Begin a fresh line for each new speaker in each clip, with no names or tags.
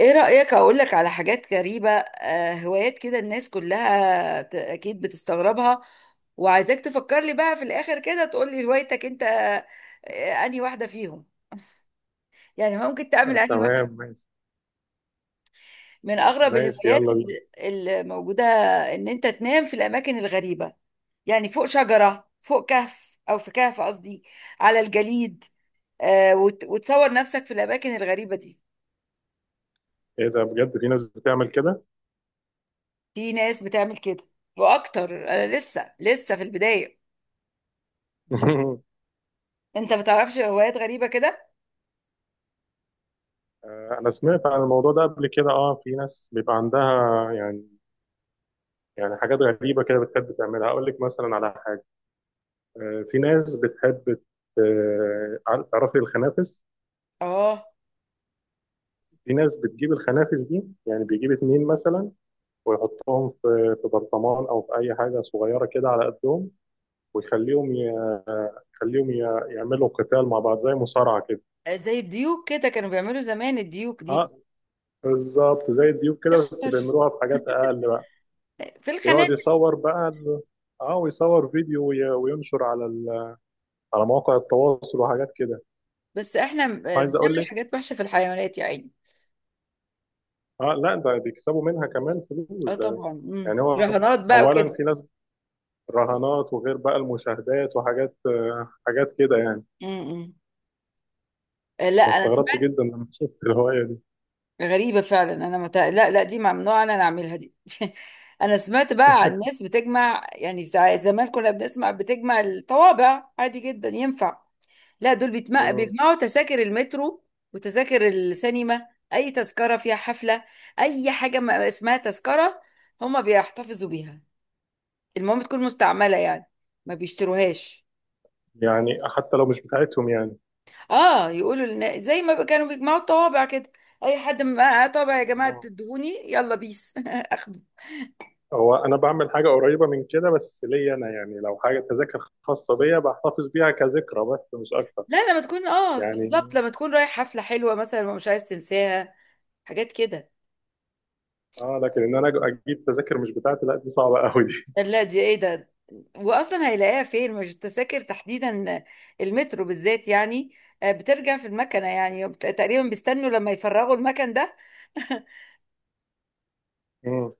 ايه رأيك اقول لك على حاجات غريبة، هوايات كده الناس كلها اكيد بتستغربها. وعايزاك تفكر لي بقى في الاخر كده تقول لي هوايتك انت، انهي واحدة فيهم. يعني ممكن تعمل انهي
تمام
واحدة.
ماشي
من اغرب
ماشي
الهوايات
يلا بينا.
اللي موجودة ان انت تنام في الاماكن الغريبة، يعني فوق شجرة، فوق كهف او في كهف قصدي، على الجليد. وتصور نفسك في الاماكن الغريبة دي.
ايه ده بجد؟ في ناس بتعمل كده.
في ناس بتعمل كده، واكتر. انا لسه في البداية. انت بتعرفش روايات غريبة كده؟
انا سمعت عن الموضوع ده قبل كده. اه، في ناس بيبقى عندها يعني. حاجات غريبه كده بتحب تعملها. اقول لك مثلا على حاجه. في ناس بتحب ت- تعرفي الخنافس؟
اه،
في ناس بتجيب الخنافس دي، يعني بيجيب اتنين مثلا ويحطهم في برطمان او في اي حاجه صغيره كده على قدهم، ويخليهم يخليهم يعملوا قتال مع بعض زي مصارعه كده.
زي الديوك كده كانوا بيعملوا زمان الديوك
اه
دي.
بالظبط زي الديوك كده بس
اخبر،
بيعملوها بحاجات اقل بقى.
في
ويقعد
الخنافس.
يصور بقى اه ويصور فيديو وينشر على على مواقع التواصل وحاجات كده.
بس احنا
عايز اقول
بنعمل
لك،
حاجات وحشة في الحيوانات يا عيني.
اه لا ده بيكسبوا منها كمان
اه
فلوس ده.
طبعا،
يعني هو
رهانات بقى
اولا
وكده.
في ناس رهانات، وغير بقى المشاهدات وحاجات حاجات كده يعني.
امم لا
انا
انا
استغربت
سمعت.
جدا لما شفت الهوايه دي.
غريبة فعلا. لا لا، دي ممنوع أنا أعملها دي. أنا سمعت بقى عن ناس بتجمع، يعني زمان كنا بنسمع بتجمع الطوابع عادي جدا، ينفع. لا دول بيتم...
مم.
بيجمعوا تذاكر المترو وتذاكر السينما. أي تذكرة فيها حفلة، أي حاجة ما اسمها تذكرة هما بيحتفظوا بيها. المهم تكون مستعملة يعني، ما بيشتروهاش.
يعني حتى لو مش بتاعتهم يعني.
اه يقولوا لنا زي ما كانوا بيجمعوا الطوابع كده. اي حد معاه طابع يا جماعه
آه.
تدهوني يلا بيس.
هو انا بعمل حاجه قريبه من كده بس ليا انا، يعني لو حاجه تذاكر خاصه بيا بحتفظ بيها كذكرى بس مش اكتر
لا لما تكون، اه بالظبط،
يعني.
لما تكون رايح حفلة حلوة مثلا ومش عايز تنساها، حاجات كده.
اه لكن ان انا اجيب تذاكر مش بتاعتي، لا دي صعبه قوي دي.
لا دي ايه ده. واصلا هيلاقيها فين؟ مش التذاكر تحديدا، المترو بالذات يعني، بترجع في المكنة يعني تقريبا بيستنوا لما يفرغوا المكن ده.
مم.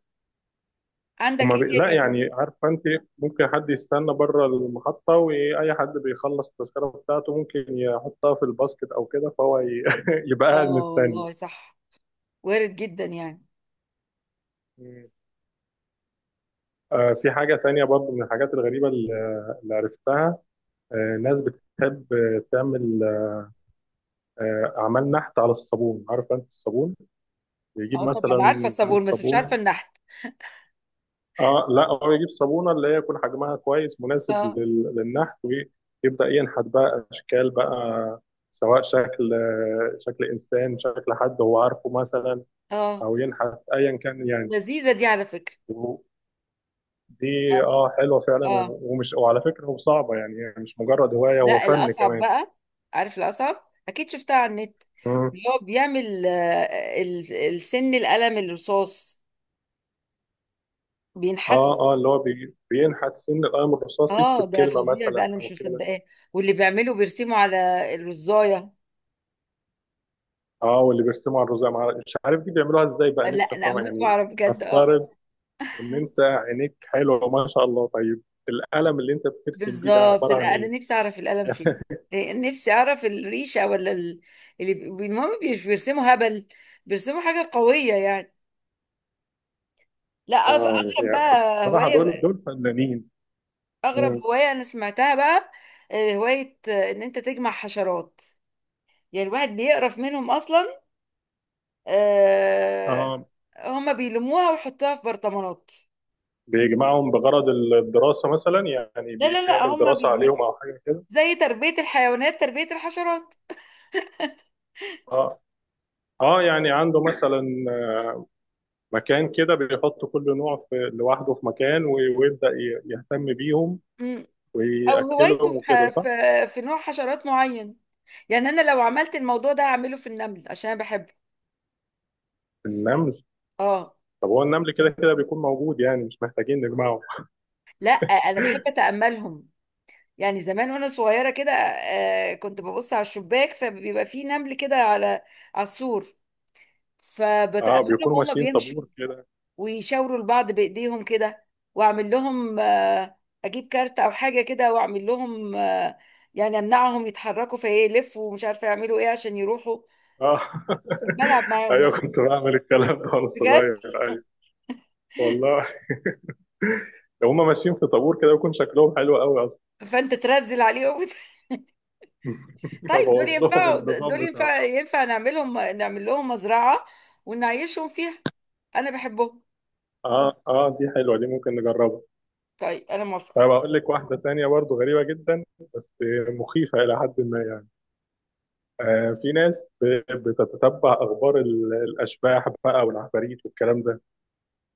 عندك
هما
ايه تاني
لا
يا ترى؟
يعني عارفه انت. ممكن حد يستنى بره المحطه، واي حد بيخلص التذكره بتاعته ممكن يحطها في الباسكت او كده، فهو يبقى
اه
قاعد مستني.
والله صح، وارد جدا يعني.
مم. آه في حاجه تانية برضو من الحاجات الغريبه اللي عرفتها. آه، ناس بتحب تعمل عمل نحت على الصابون. عارف انت الصابون؟ يجيب
اه طبعا عارفة
مثلا
الصابون، بس مش عارفة
صابونه.
النحت.
اه لا، هو يجيب صابونه اللي هي يكون حجمها كويس مناسب
اه
للنحت، ويبدا ينحت بقى اشكال بقى. سواء شكل شكل انسان، شكل حد هو عارفه مثلا،
اه،
او ينحت ايا كان يعني.
لذيذة دي على فكرة.
ودي
يعني
اه حلوه فعلا
اه،
ومش، وعلى فكره هو صعبه يعني، هي مش مجرد هوايه، هو
لا
فن
الأصعب
كمان.
بقى. عارف الأصعب، أكيد شفتها على النت،
مم.
اللي هو بيعمل السن القلم الرصاص بينحتوا.
اه اه اللي هو بينحت سن القلم الرصاص،
اه
يكتب
ده
كلمه
فظيع، ده
مثلا
أنا
او
مش
كده.
مصدقاه. واللي بيعمله بيرسموا على الرزاية.
اه، واللي بيرسموا على الرزق مش عارف دي بيعملوها ازاي بقى،
لا
نفسي
أنا
افهمها
أموت
يعني.
وأعرف بجد، اه.
افترض ان انت عينيك حلوه ما شاء الله. طيب القلم اللي انت بترسم بيه ده
بالظبط،
عباره عن
لا أنا
ايه؟
نفسي أعرف القلم فين. إيه، نفسي أعرف الريشة ولا المهم مش بيرسموا هبل، بيرسموا حاجة قوية يعني. لا
اه
أغرب
يعني بس
بقى
بصراحه دول
هواية،
دول فنانين.
اغرب
مم.
هوايه انا سمعتها بقى، آه، هوايه آه، ان انت تجمع حشرات. يعني الواحد بيقرف منهم اصلا. آه،
اه
هم بيلموها ويحطوها في برطمانات.
بيجمعهم بغرض الدراسه مثلا، يعني
لا لا لا
بيعمل
هم
دراسه
بي...
عليهم او حاجه كده.
زي تربيه الحيوانات، تربيه الحشرات.
اه اه، يعني عنده مثلا مكان كده، بيحط كل نوع في لوحده في مكان ويبدا يهتم بيهم
مم. او هوايته
ويأكلهم
في,
وكده
ح...
صح؟
في في نوع حشرات معين. يعني انا لو عملت الموضوع ده هعمله في النمل عشان انا بحبه.
النمل.
اه
طب هو النمل كده كده بيكون موجود، يعني مش محتاجين نجمعه.
لا انا بحب اتاملهم. يعني زمان وانا صغيره كده، كنت ببص على الشباك، فبيبقى فيه نمل كده على على السور،
اه
فبتأملهم
بيكونوا
هما
ماشيين
بيمشوا
طابور كده.
ويشاوروا لبعض بإيديهم كده. وأعمل لهم، أجيب كارت أو حاجة كده وأعمل لهم، يعني أمنعهم يتحركوا فيلفوا ومش عارفة يعملوا إيه عشان يروحوا.
اه
بلعب معاهم
ايوه،
يعني.
كنت بعمل الكلام ده وانا
بجد،
صغير. ايوه والله. هما ماشيين في طابور كده ويكون شكلهم حلو قوي اصلا.
فأنت ترزل عليهم. طيب دول
ابوظ لهم
ينفعوا، دول
النظام بتاعه.
ينفع ينفع نعملهم نعمل لهم مزرعة ونعيشهم فيها. أنا بحبهم.
اه اه، دي حلوه، دي ممكن نجربها.
طيب أنا موافقة.
طيب اقول لك واحده تانية برضو غريبه جدا. مخيفه الى حد ما يعني. آه في ناس بتتتبع اخبار الاشباح بقى والعفاريت والكلام ده.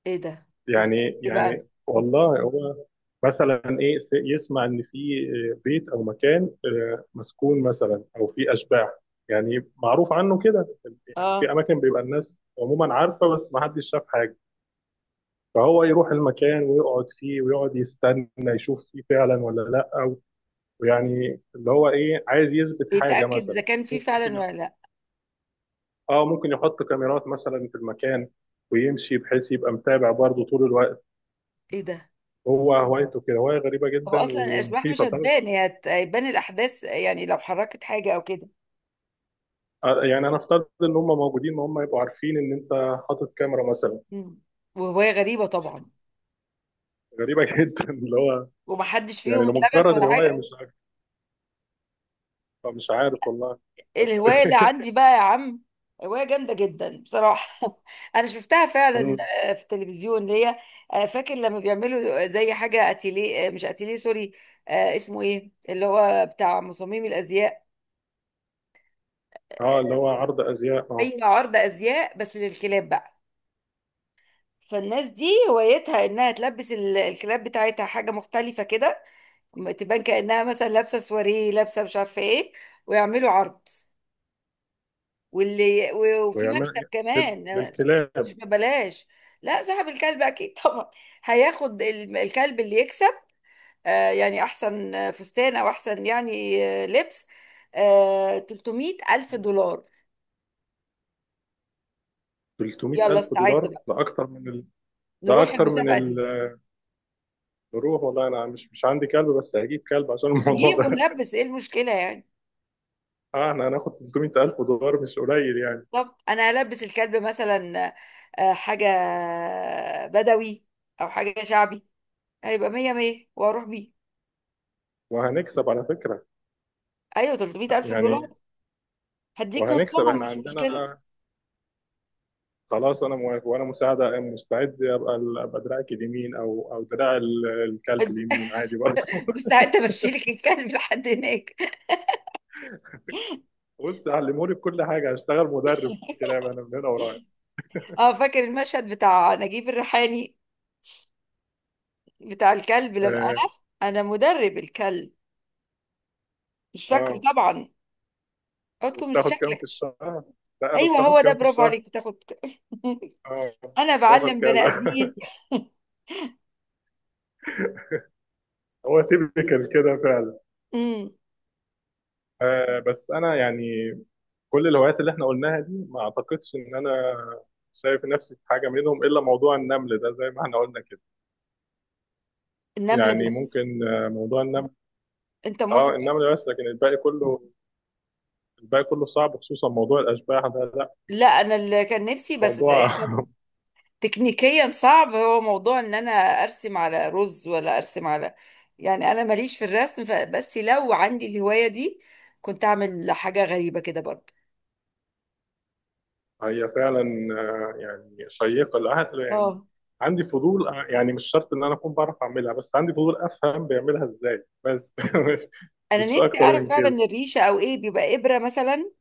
إيه ده؟
يعني
وبتقول إيه بقى؟
يعني والله هو مثلا ايه يسمع ان في بيت او مكان مسكون مثلا، او في اشباح يعني معروف عنه كده. يعني في
آه.
اماكن بيبقى الناس عموما عارفه بس ما حدش شاف حاجه. فهو يروح المكان ويقعد فيه ويقعد يستنى يشوف فيه فعلا ولا لا. ويعني اللي هو ايه، عايز يثبت حاجه
يتأكد إذا
مثلا.
كان في
ممكن
فعلا
يح-
ولا لأ.
اه ممكن يحط كاميرات مثلا في المكان ويمشي، بحيث يبقى متابع برضه طول الوقت.
إيه ده؟
هو هوايته كده، هواية غريبة
هو
جدا
اصلا الاشباح مش
ومخيفة طبعا.
هتبان، هيبان الاحداث يعني، لو حركت حاجه او كده.
يعني أنا أفترض إن هم موجودين، ما هم يبقوا عارفين إن أنت حاطط كاميرا مثلا.
مم. وهوايه غريبه طبعا.
غريبة جدا، اللي هو
ومحدش
يعني
فيهم اتلبس
لمجرد
ولا
الهواية.
حاجه؟
مش عارف، مش عارف والله. بس
الهوايه اللي عندي بقى يا عم، هوايه جامده جدا بصراحه. انا شفتها فعلا،
مم.
في التلفزيون، اللي هي، فاكر لما بيعملوا زي حاجه اتيليه؟ مش اتيليه، سوري، اسمه ايه اللي هو بتاع مصممي الازياء؟
أه
آه،
اللي هو عرض أزياء أه.
اي عرض ازياء، بس للكلاب بقى. فالناس دي هوايتها انها تلبس الكلاب بتاعتها حاجه مختلفه كده، تبان كأنها مثلا لابسة سواريه، لابسة مش عارفة ايه، ويعملوا عرض. وفي مكسب
ويعمل
كمان، مش
للكلاب
ببلاش. لا صاحب الكلب اكيد طبعا، هياخد الكلب اللي يكسب، يعني احسن فستان او احسن يعني، لبس، 300 الف دولار.
300000
يلا
ألف
استعد
دولار.
بقى،
ده أكتر من ده
نروح
أكتر من
المسابقة دي.
الروح والله. أنا مش عندي كلب بس هجيب كلب عشان الموضوع
نجيب
ده.
ونلبس، ايه المشكلة يعني.
أه إحنا هناخد 300000 ألف دولار، مش قليل يعني.
بالظبط، انا هلبس الكلب مثلا، حاجة بدوي او حاجة شعبي. هيبقى مية مية واروح بيه.
وهنكسب على فكرة.
ايوه 300 الف دولار،
يعني
هديك
وهنكسب
نصهم،
احنا
مش مشكله.
عندنا. خلاص انا موافق، وانا مساعده مستعد ابقى ابقى دراعك اليمين او دراع الكلب
هد-
اليمين عادي برضه.
مستعده امشي لك الكلب لحد هناك.
بص علموني بكل حاجه، هشتغل مدرب كلاب انا من هنا ورايح.
اه فاكر المشهد بتاع نجيب الريحاني بتاع الكلب لما انا،
اه
انا مدرب الكلب؟ مش فاكره
آه.
طبعا. عودكم مش
وبتاخد كام في
شكلك.
الشهر؟ سأله
ايوه
بتاخد
هو ده،
كام في
برافو
الشهر؟
عليك، بتاخد.
اه
انا
باخد
بعلم بني
كذا.
ادمين.
هو تيبيكال كده فعلا.
امم
آه بس انا يعني كل الهوايات اللي احنا قلناها دي ما اعتقدش ان انا شايف نفسي في حاجه منهم الا موضوع النمل ده زي ما احنا قلنا كده.
النمل
يعني
بس.
ممكن موضوع النمل.
انت
اه
موافق.
النمل بس، لكن الباقي كله، الباقي كله صعب، خصوصا موضوع الاشباح ده لا.
لا انا اللي كان نفسي بس،
موضوع
تكنيكيا صعب، هو موضوع ان انا ارسم على رز، ولا ارسم على، يعني انا ماليش في الرسم، بس لو عندي الهواية دي كنت اعمل حاجة غريبة كده برضه.
هي فعلا يعني شيقه للعقل يعني.
اه
عندي فضول يعني مش شرط ان انا اكون بعرف اعملها، بس عندي فضول افهم بيعملها ازاي بس مش
انا
مش
نفسي
اكتر
اعرف
من كده.
فعلا، الريشة او ايه، بيبقى ابرة مثلا،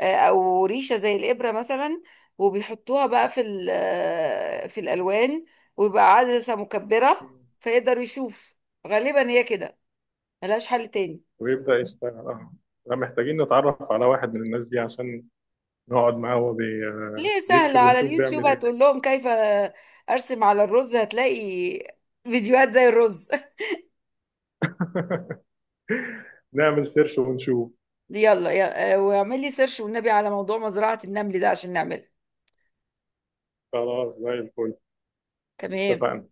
او ريشة زي الابرة مثلا، وبيحطوها بقى في ال- آه، في الالوان، ويبقى عدسة مكبرة فيقدر يشوف. غالبا هي كده، ملهاش حل تاني.
ويبدا يشتغل اه. لا، محتاجين نتعرف على واحد من الناس دي عشان نقعد معاه وهو آه،
ليه، سهلة
بيكتب
على
ونشوف
اليوتيوب،
بيعمل ايه.
هتقول لهم كيف أرسم على الرز هتلاقي فيديوهات زي الرز.
نعمل سيرش ونشوف.
يلا يلا، واعمل لي سيرش والنبي على موضوع مزرعة النمل ده عشان نعملها.
خلاص زي الفل.
تمام.
اتفقنا.